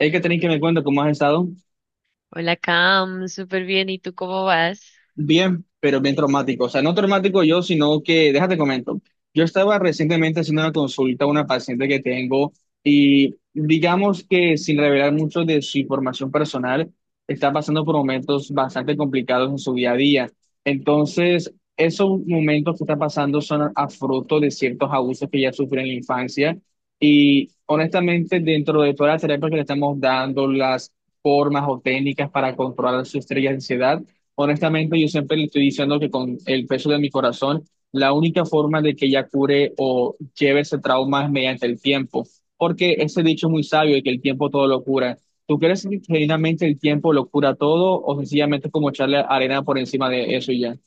Hay que tener que me cuenta cómo has estado. Hola Cam, súper bien. ¿Y tú cómo vas? Bien, pero bien traumático. O sea, no traumático yo, sino que, déjate comento. Yo estaba recientemente haciendo una consulta a una paciente que tengo y digamos que sin revelar mucho de su información personal, está pasando por momentos bastante complicados en su día a día. Entonces, esos momentos que está pasando son a fruto de ciertos abusos que ella sufrió en la infancia y honestamente dentro de todas las terapias que le estamos dando, las formas o técnicas para controlar su estrella de ansiedad. Honestamente, yo siempre le estoy diciendo que con el peso de mi corazón, la única forma de que ella cure o lleve ese trauma es mediante el tiempo, porque ese dicho es muy sabio de que el tiempo todo lo cura. ¿Tú crees que genuinamente el tiempo lo cura todo o sencillamente es como echarle arena por encima de eso y ya?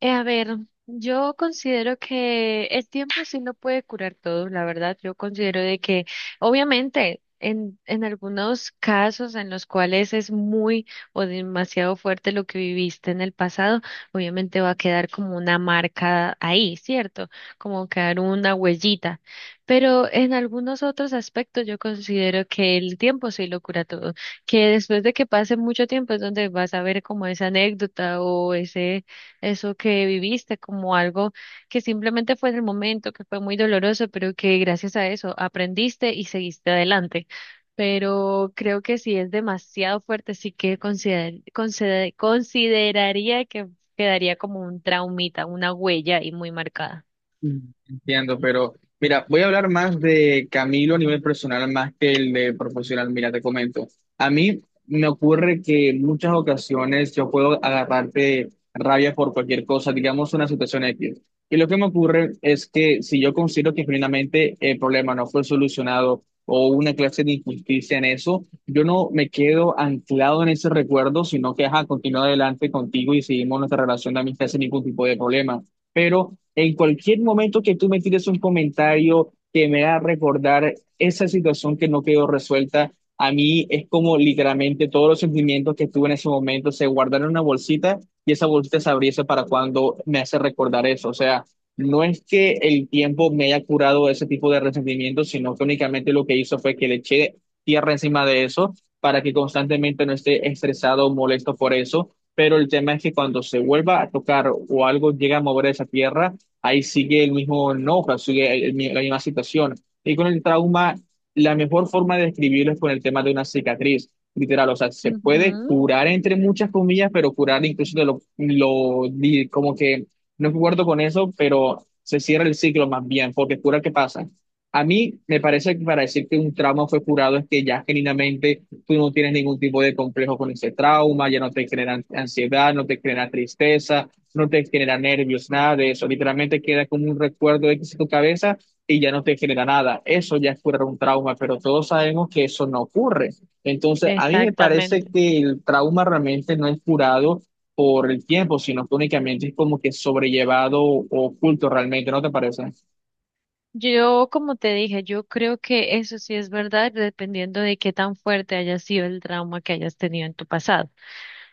Eh, a ver, yo considero que el tiempo sí no puede curar todo, la verdad. Yo considero de que, obviamente, en algunos casos en los cuales es muy o demasiado fuerte lo que viviste en el pasado, obviamente va a quedar como una marca ahí, ¿cierto? Como quedar una huellita. Pero en algunos otros aspectos yo considero que el tiempo sí lo cura todo, que después de que pase mucho tiempo es donde vas a ver como esa anécdota o ese eso que viviste como algo que simplemente fue en el momento, que fue muy doloroso, pero que gracias a eso aprendiste y seguiste adelante. Pero creo que si es demasiado fuerte, sí que consideraría que quedaría como un traumita, una huella y muy marcada. Mm. Entiendo, pero mira, voy a hablar más de Camilo a nivel personal más que el de profesional. Mira, te comento. A mí me ocurre que en muchas ocasiones yo puedo agarrarte rabia por cualquier cosa, digamos una situación X. Y lo que me ocurre es que si yo considero que genuinamente el problema no fue solucionado o hubo una clase de injusticia en eso, yo no me quedo anclado en ese recuerdo, sino que ajá, continúo adelante contigo y seguimos nuestra relación de amistad sin ningún tipo de problema. Pero en cualquier momento que tú me tires un comentario que me haga recordar esa situación que no quedó resuelta, a mí es como literalmente todos los sentimientos que tuve en ese momento se guardaron en una bolsita y esa bolsita se abriese para cuando me hace recordar eso. O sea, no es que el tiempo me haya curado ese tipo de resentimientos sino que únicamente lo que hizo fue que le eché tierra encima de eso para que constantemente no esté estresado o molesto por eso. Pero el tema es que cuando se vuelva a tocar o algo llega a mover esa tierra, ahí sigue el mismo enojo, sigue la misma situación. Y con el trauma, la mejor forma de describirlo es con el tema de una cicatriz, literal, o sea, se puede Ujú. curar entre muchas comillas, pero curar incluso de como que no acuerdo con eso, pero se cierra el ciclo más bien, porque cura, ¿qué pasa? A mí me parece que para decir que un trauma fue curado es que ya genuinamente tú no tienes ningún tipo de complejo con ese trauma, ya no te genera ansiedad, no te genera tristeza, no te genera nervios, nada de eso. Literalmente queda como un recuerdo X en tu cabeza y ya no te genera nada. Eso ya es curar un trauma, pero todos sabemos que eso no ocurre. Entonces, a mí me parece Exactamente. que el trauma realmente no es curado por el tiempo, sino que únicamente es como que sobrellevado o oculto realmente, ¿no te parece? Yo, como te dije, yo creo que eso sí es verdad, dependiendo de qué tan fuerte haya sido el trauma que hayas tenido en tu pasado,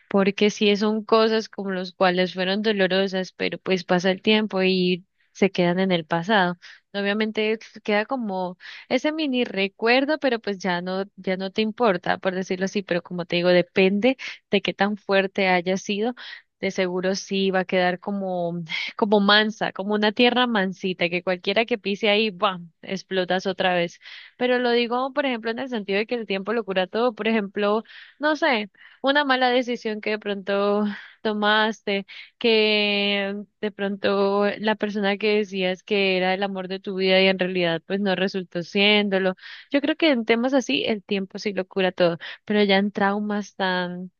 porque sí son cosas como las cuales fueron dolorosas, pero pues pasa el tiempo y se quedan en el pasado. Obviamente queda como ese mini recuerdo, pero pues ya no, ya no te importa, por decirlo así, pero como te digo, depende de qué tan fuerte haya sido. De seguro sí va a quedar como, como mansa, como una tierra mansita, que cualquiera que pise ahí, ¡bam!, explotas otra vez. Pero lo digo, por ejemplo, en el sentido de que el tiempo lo cura todo. Por ejemplo, no sé, una mala decisión que de pronto tomaste, que de pronto la persona que decías que era el amor de tu vida y en realidad pues no resultó siéndolo. Yo creo que en temas así el tiempo sí lo cura todo, pero ya en traumas tan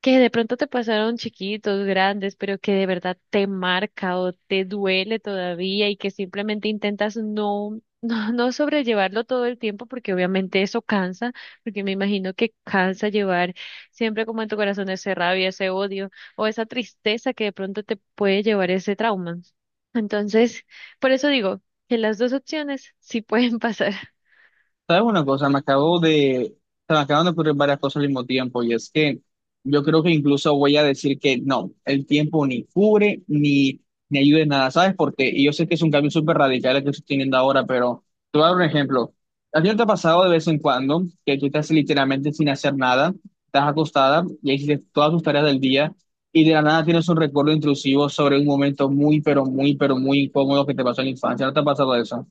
que de pronto te pasaron chiquitos, grandes, pero que de verdad te marca o te duele todavía y que simplemente intentas no, no sobrellevarlo todo el tiempo porque obviamente eso cansa, porque me imagino que cansa llevar siempre como en tu corazón esa rabia, ese odio o esa tristeza que de pronto te puede llevar ese trauma. Entonces, por eso digo que las dos opciones sí pueden pasar. ¿Sabes una cosa? Se me acaban de ocurrir varias cosas al mismo tiempo y es que yo creo que incluso voy a decir que no, el tiempo ni cubre ni, ni ayuda en nada, ¿sabes? Porque y yo sé que es un cambio súper radical el que estoy teniendo ahora, pero te voy a dar un ejemplo. ¿A ti no te ha pasado de vez en cuando que tú estás literalmente sin hacer nada, estás acostada y hiciste todas tus tareas del día y de la nada tienes un recuerdo intrusivo sobre un momento muy, pero muy, pero muy incómodo que te pasó en la infancia? ¿No te ha pasado eso?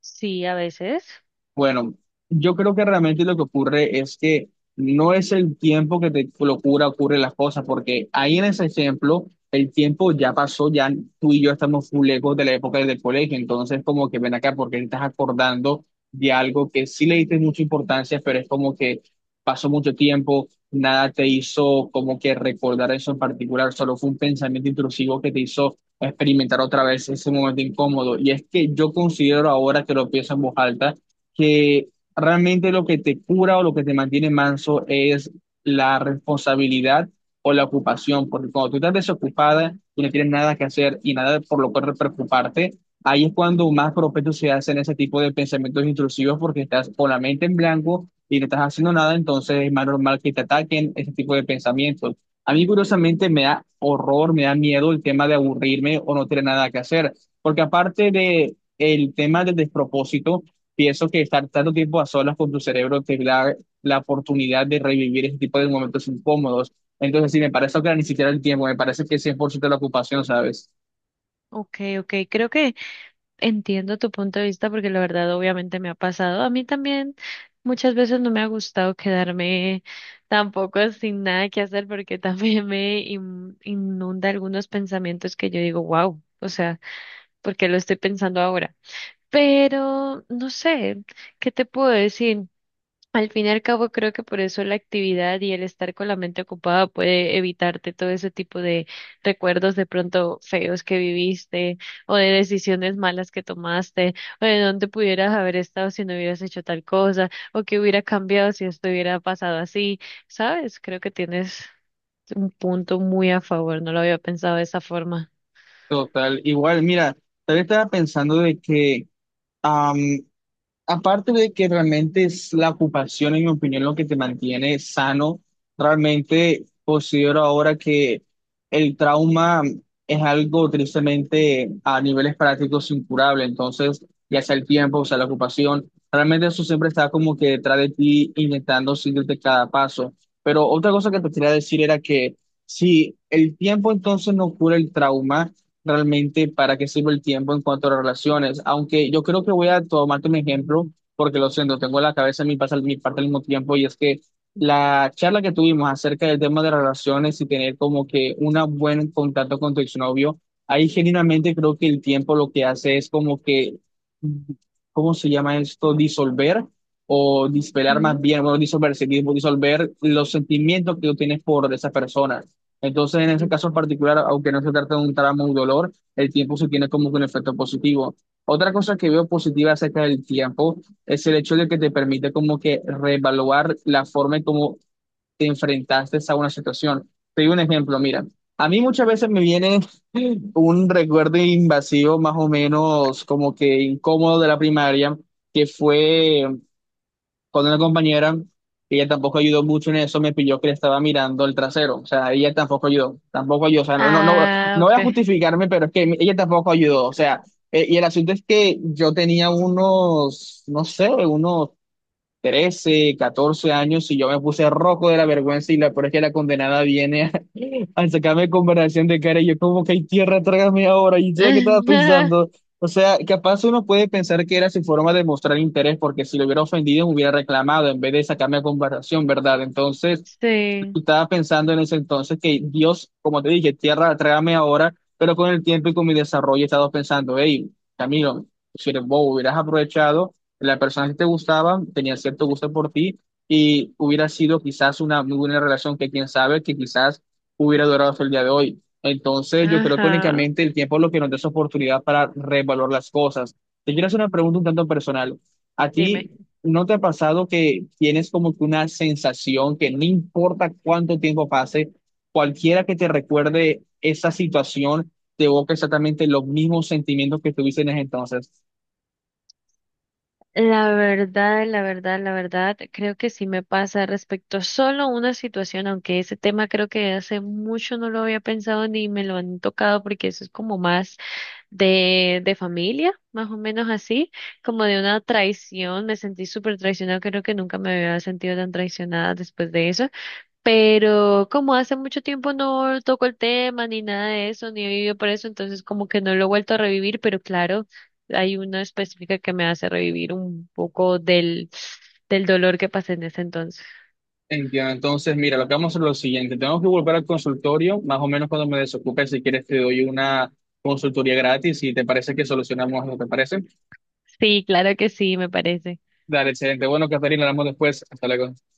Sí, a veces. Bueno, yo creo que realmente lo que ocurre es que no es el tiempo que te lo cura, ocurre las cosas, porque ahí en ese ejemplo, el tiempo ya pasó, ya tú y yo estamos muy lejos de la época del colegio, entonces como que ven acá porque te estás acordando de algo que sí le diste mucha importancia, pero es como que pasó mucho tiempo, nada te hizo como que recordar eso en particular, solo fue un pensamiento intrusivo que te hizo experimentar otra vez ese momento incómodo. Y es que yo considero ahora que lo pienso en voz alta, que realmente lo que te cura o lo que te mantiene manso es la responsabilidad o la ocupación, porque cuando tú estás desocupada y no tienes nada que hacer y nada por lo cual preocuparte, ahí es cuando más propensos se hacen ese tipo de pensamientos intrusivos porque estás con la mente en blanco y no estás haciendo nada, entonces es más normal que te ataquen ese tipo de pensamientos. A mí curiosamente me da horror, me da miedo el tema de aburrirme o no tener nada que hacer, porque aparte de el tema del despropósito, pienso que estar tanto tiempo a solas con tu cerebro te da la oportunidad de revivir ese tipo de momentos incómodos. Entonces, sí, me parece que ni siquiera el tiempo, me parece que es cien por ciento la ocupación, ¿sabes? Okay, creo que entiendo tu punto de vista, porque la verdad obviamente me ha pasado. A mí también muchas veces no me ha gustado quedarme tampoco sin nada que hacer porque también me inunda algunos pensamientos que yo digo, wow, o sea, ¿por qué lo estoy pensando ahora? Pero no sé, ¿qué te puedo decir? Al fin y al cabo, creo que por eso la actividad y el estar con la mente ocupada puede evitarte todo ese tipo de recuerdos de pronto feos que viviste o de decisiones malas que tomaste o de dónde pudieras haber estado si no hubieras hecho tal cosa o qué hubiera cambiado si esto hubiera pasado así, ¿sabes? Creo que tienes un punto muy a favor, no lo había pensado de esa forma. Total. Igual, mira, tal vez estaba pensando de que aparte de que realmente es la ocupación, en mi opinión, lo que te mantiene sano, realmente considero ahora que el trauma es algo tristemente a niveles prácticos incurable. Entonces, ya sea el tiempo, o sea la ocupación, realmente eso siempre está como que detrás de ti, intentando seguirte cada paso. Pero otra cosa que te quería decir era que si el tiempo entonces no cura el trauma, realmente para qué sirve el tiempo en cuanto a las relaciones. Aunque yo creo que voy a tomarte un ejemplo, porque lo siento, tengo en la cabeza en mi parte al mismo tiempo, y es que la charla que tuvimos acerca del tema de las relaciones y tener como que un buen contacto con tu exnovio, ahí genuinamente creo que el tiempo lo que hace es como que, ¿cómo se llama esto? Disolver. O dispelar más Mm. bien, bueno, disolver, sí, disolver los sentimientos que tú tienes por esa persona. Entonces, en ese caso en particular, aunque no se trata de un tramo o dolor, el tiempo se tiene como que un efecto positivo. Otra cosa que veo positiva acerca del tiempo es el hecho de que te permite como que reevaluar la forma en cómo te enfrentaste a una situación. Te doy un ejemplo, mira, a mí muchas veces me viene un recuerdo invasivo más o menos como que incómodo de la primaria, que fue con una compañera, ella tampoco ayudó mucho en eso, me pilló que le estaba mirando el trasero, o sea, ella tampoco ayudó, tampoco ayudó, o sea, no, no, no Ah, no voy ok. a justificarme, pero es que ella tampoco ayudó, o sea, y el asunto es que yo tenía unos, no sé, unos 13 14 años y yo me puse rojo de la vergüenza y la, por es que la condenada viene al sacarme conversación de cara, y yo como que hay tierra, trágame ahora, y yo qué estaba pensando. O sea, capaz uno puede pensar que era su forma de mostrar interés, porque si lo hubiera ofendido me hubiera reclamado en vez de sacarme a conversación, ¿verdad? Entonces, Sí, yo estaba pensando en ese entonces que Dios, como te dije, tierra, trágame ahora, pero con el tiempo y con mi desarrollo he estado pensando, hey, Camilo, si eres bobo, hubieras aprovechado, la persona que te gustaba tenía cierto gusto por ti y hubiera sido quizás una muy buena relación que quién sabe que quizás hubiera durado hasta el día de hoy. Entonces yo creo que ajá, únicamente el tiempo es lo que nos da esa oportunidad para revalorar las cosas. Te quiero hacer una pregunta un tanto personal. ¿A dime. ti ¿No te ha pasado que tienes como que una sensación que no importa cuánto tiempo pase, cualquiera que te recuerde esa situación te evoca exactamente los mismos sentimientos que tuviste en ese entonces? La verdad, la verdad, la verdad, creo que sí me pasa respecto a solo una situación, aunque ese tema creo que hace mucho no lo había pensado ni me lo han tocado, porque eso es como más de familia, más o menos así, como de una traición, me sentí súper traicionada, creo que nunca me había sentido tan traicionada después de eso. Pero como hace mucho tiempo no toco el tema ni nada de eso, ni he vivido por eso, entonces como que no lo he vuelto a revivir, pero claro, hay una específica que me hace revivir un poco del dolor que pasé en ese entonces. Entiendo. Entonces, mira, lo que vamos a hacer es lo siguiente. Tenemos que volver al consultorio, más o menos cuando me desocupe, si quieres te doy una consultoría gratis y te parece que solucionamos, ¿no te parece? Sí, claro que sí, me parece. Dale, excelente. Bueno, Catarina, hablamos después. Hasta luego.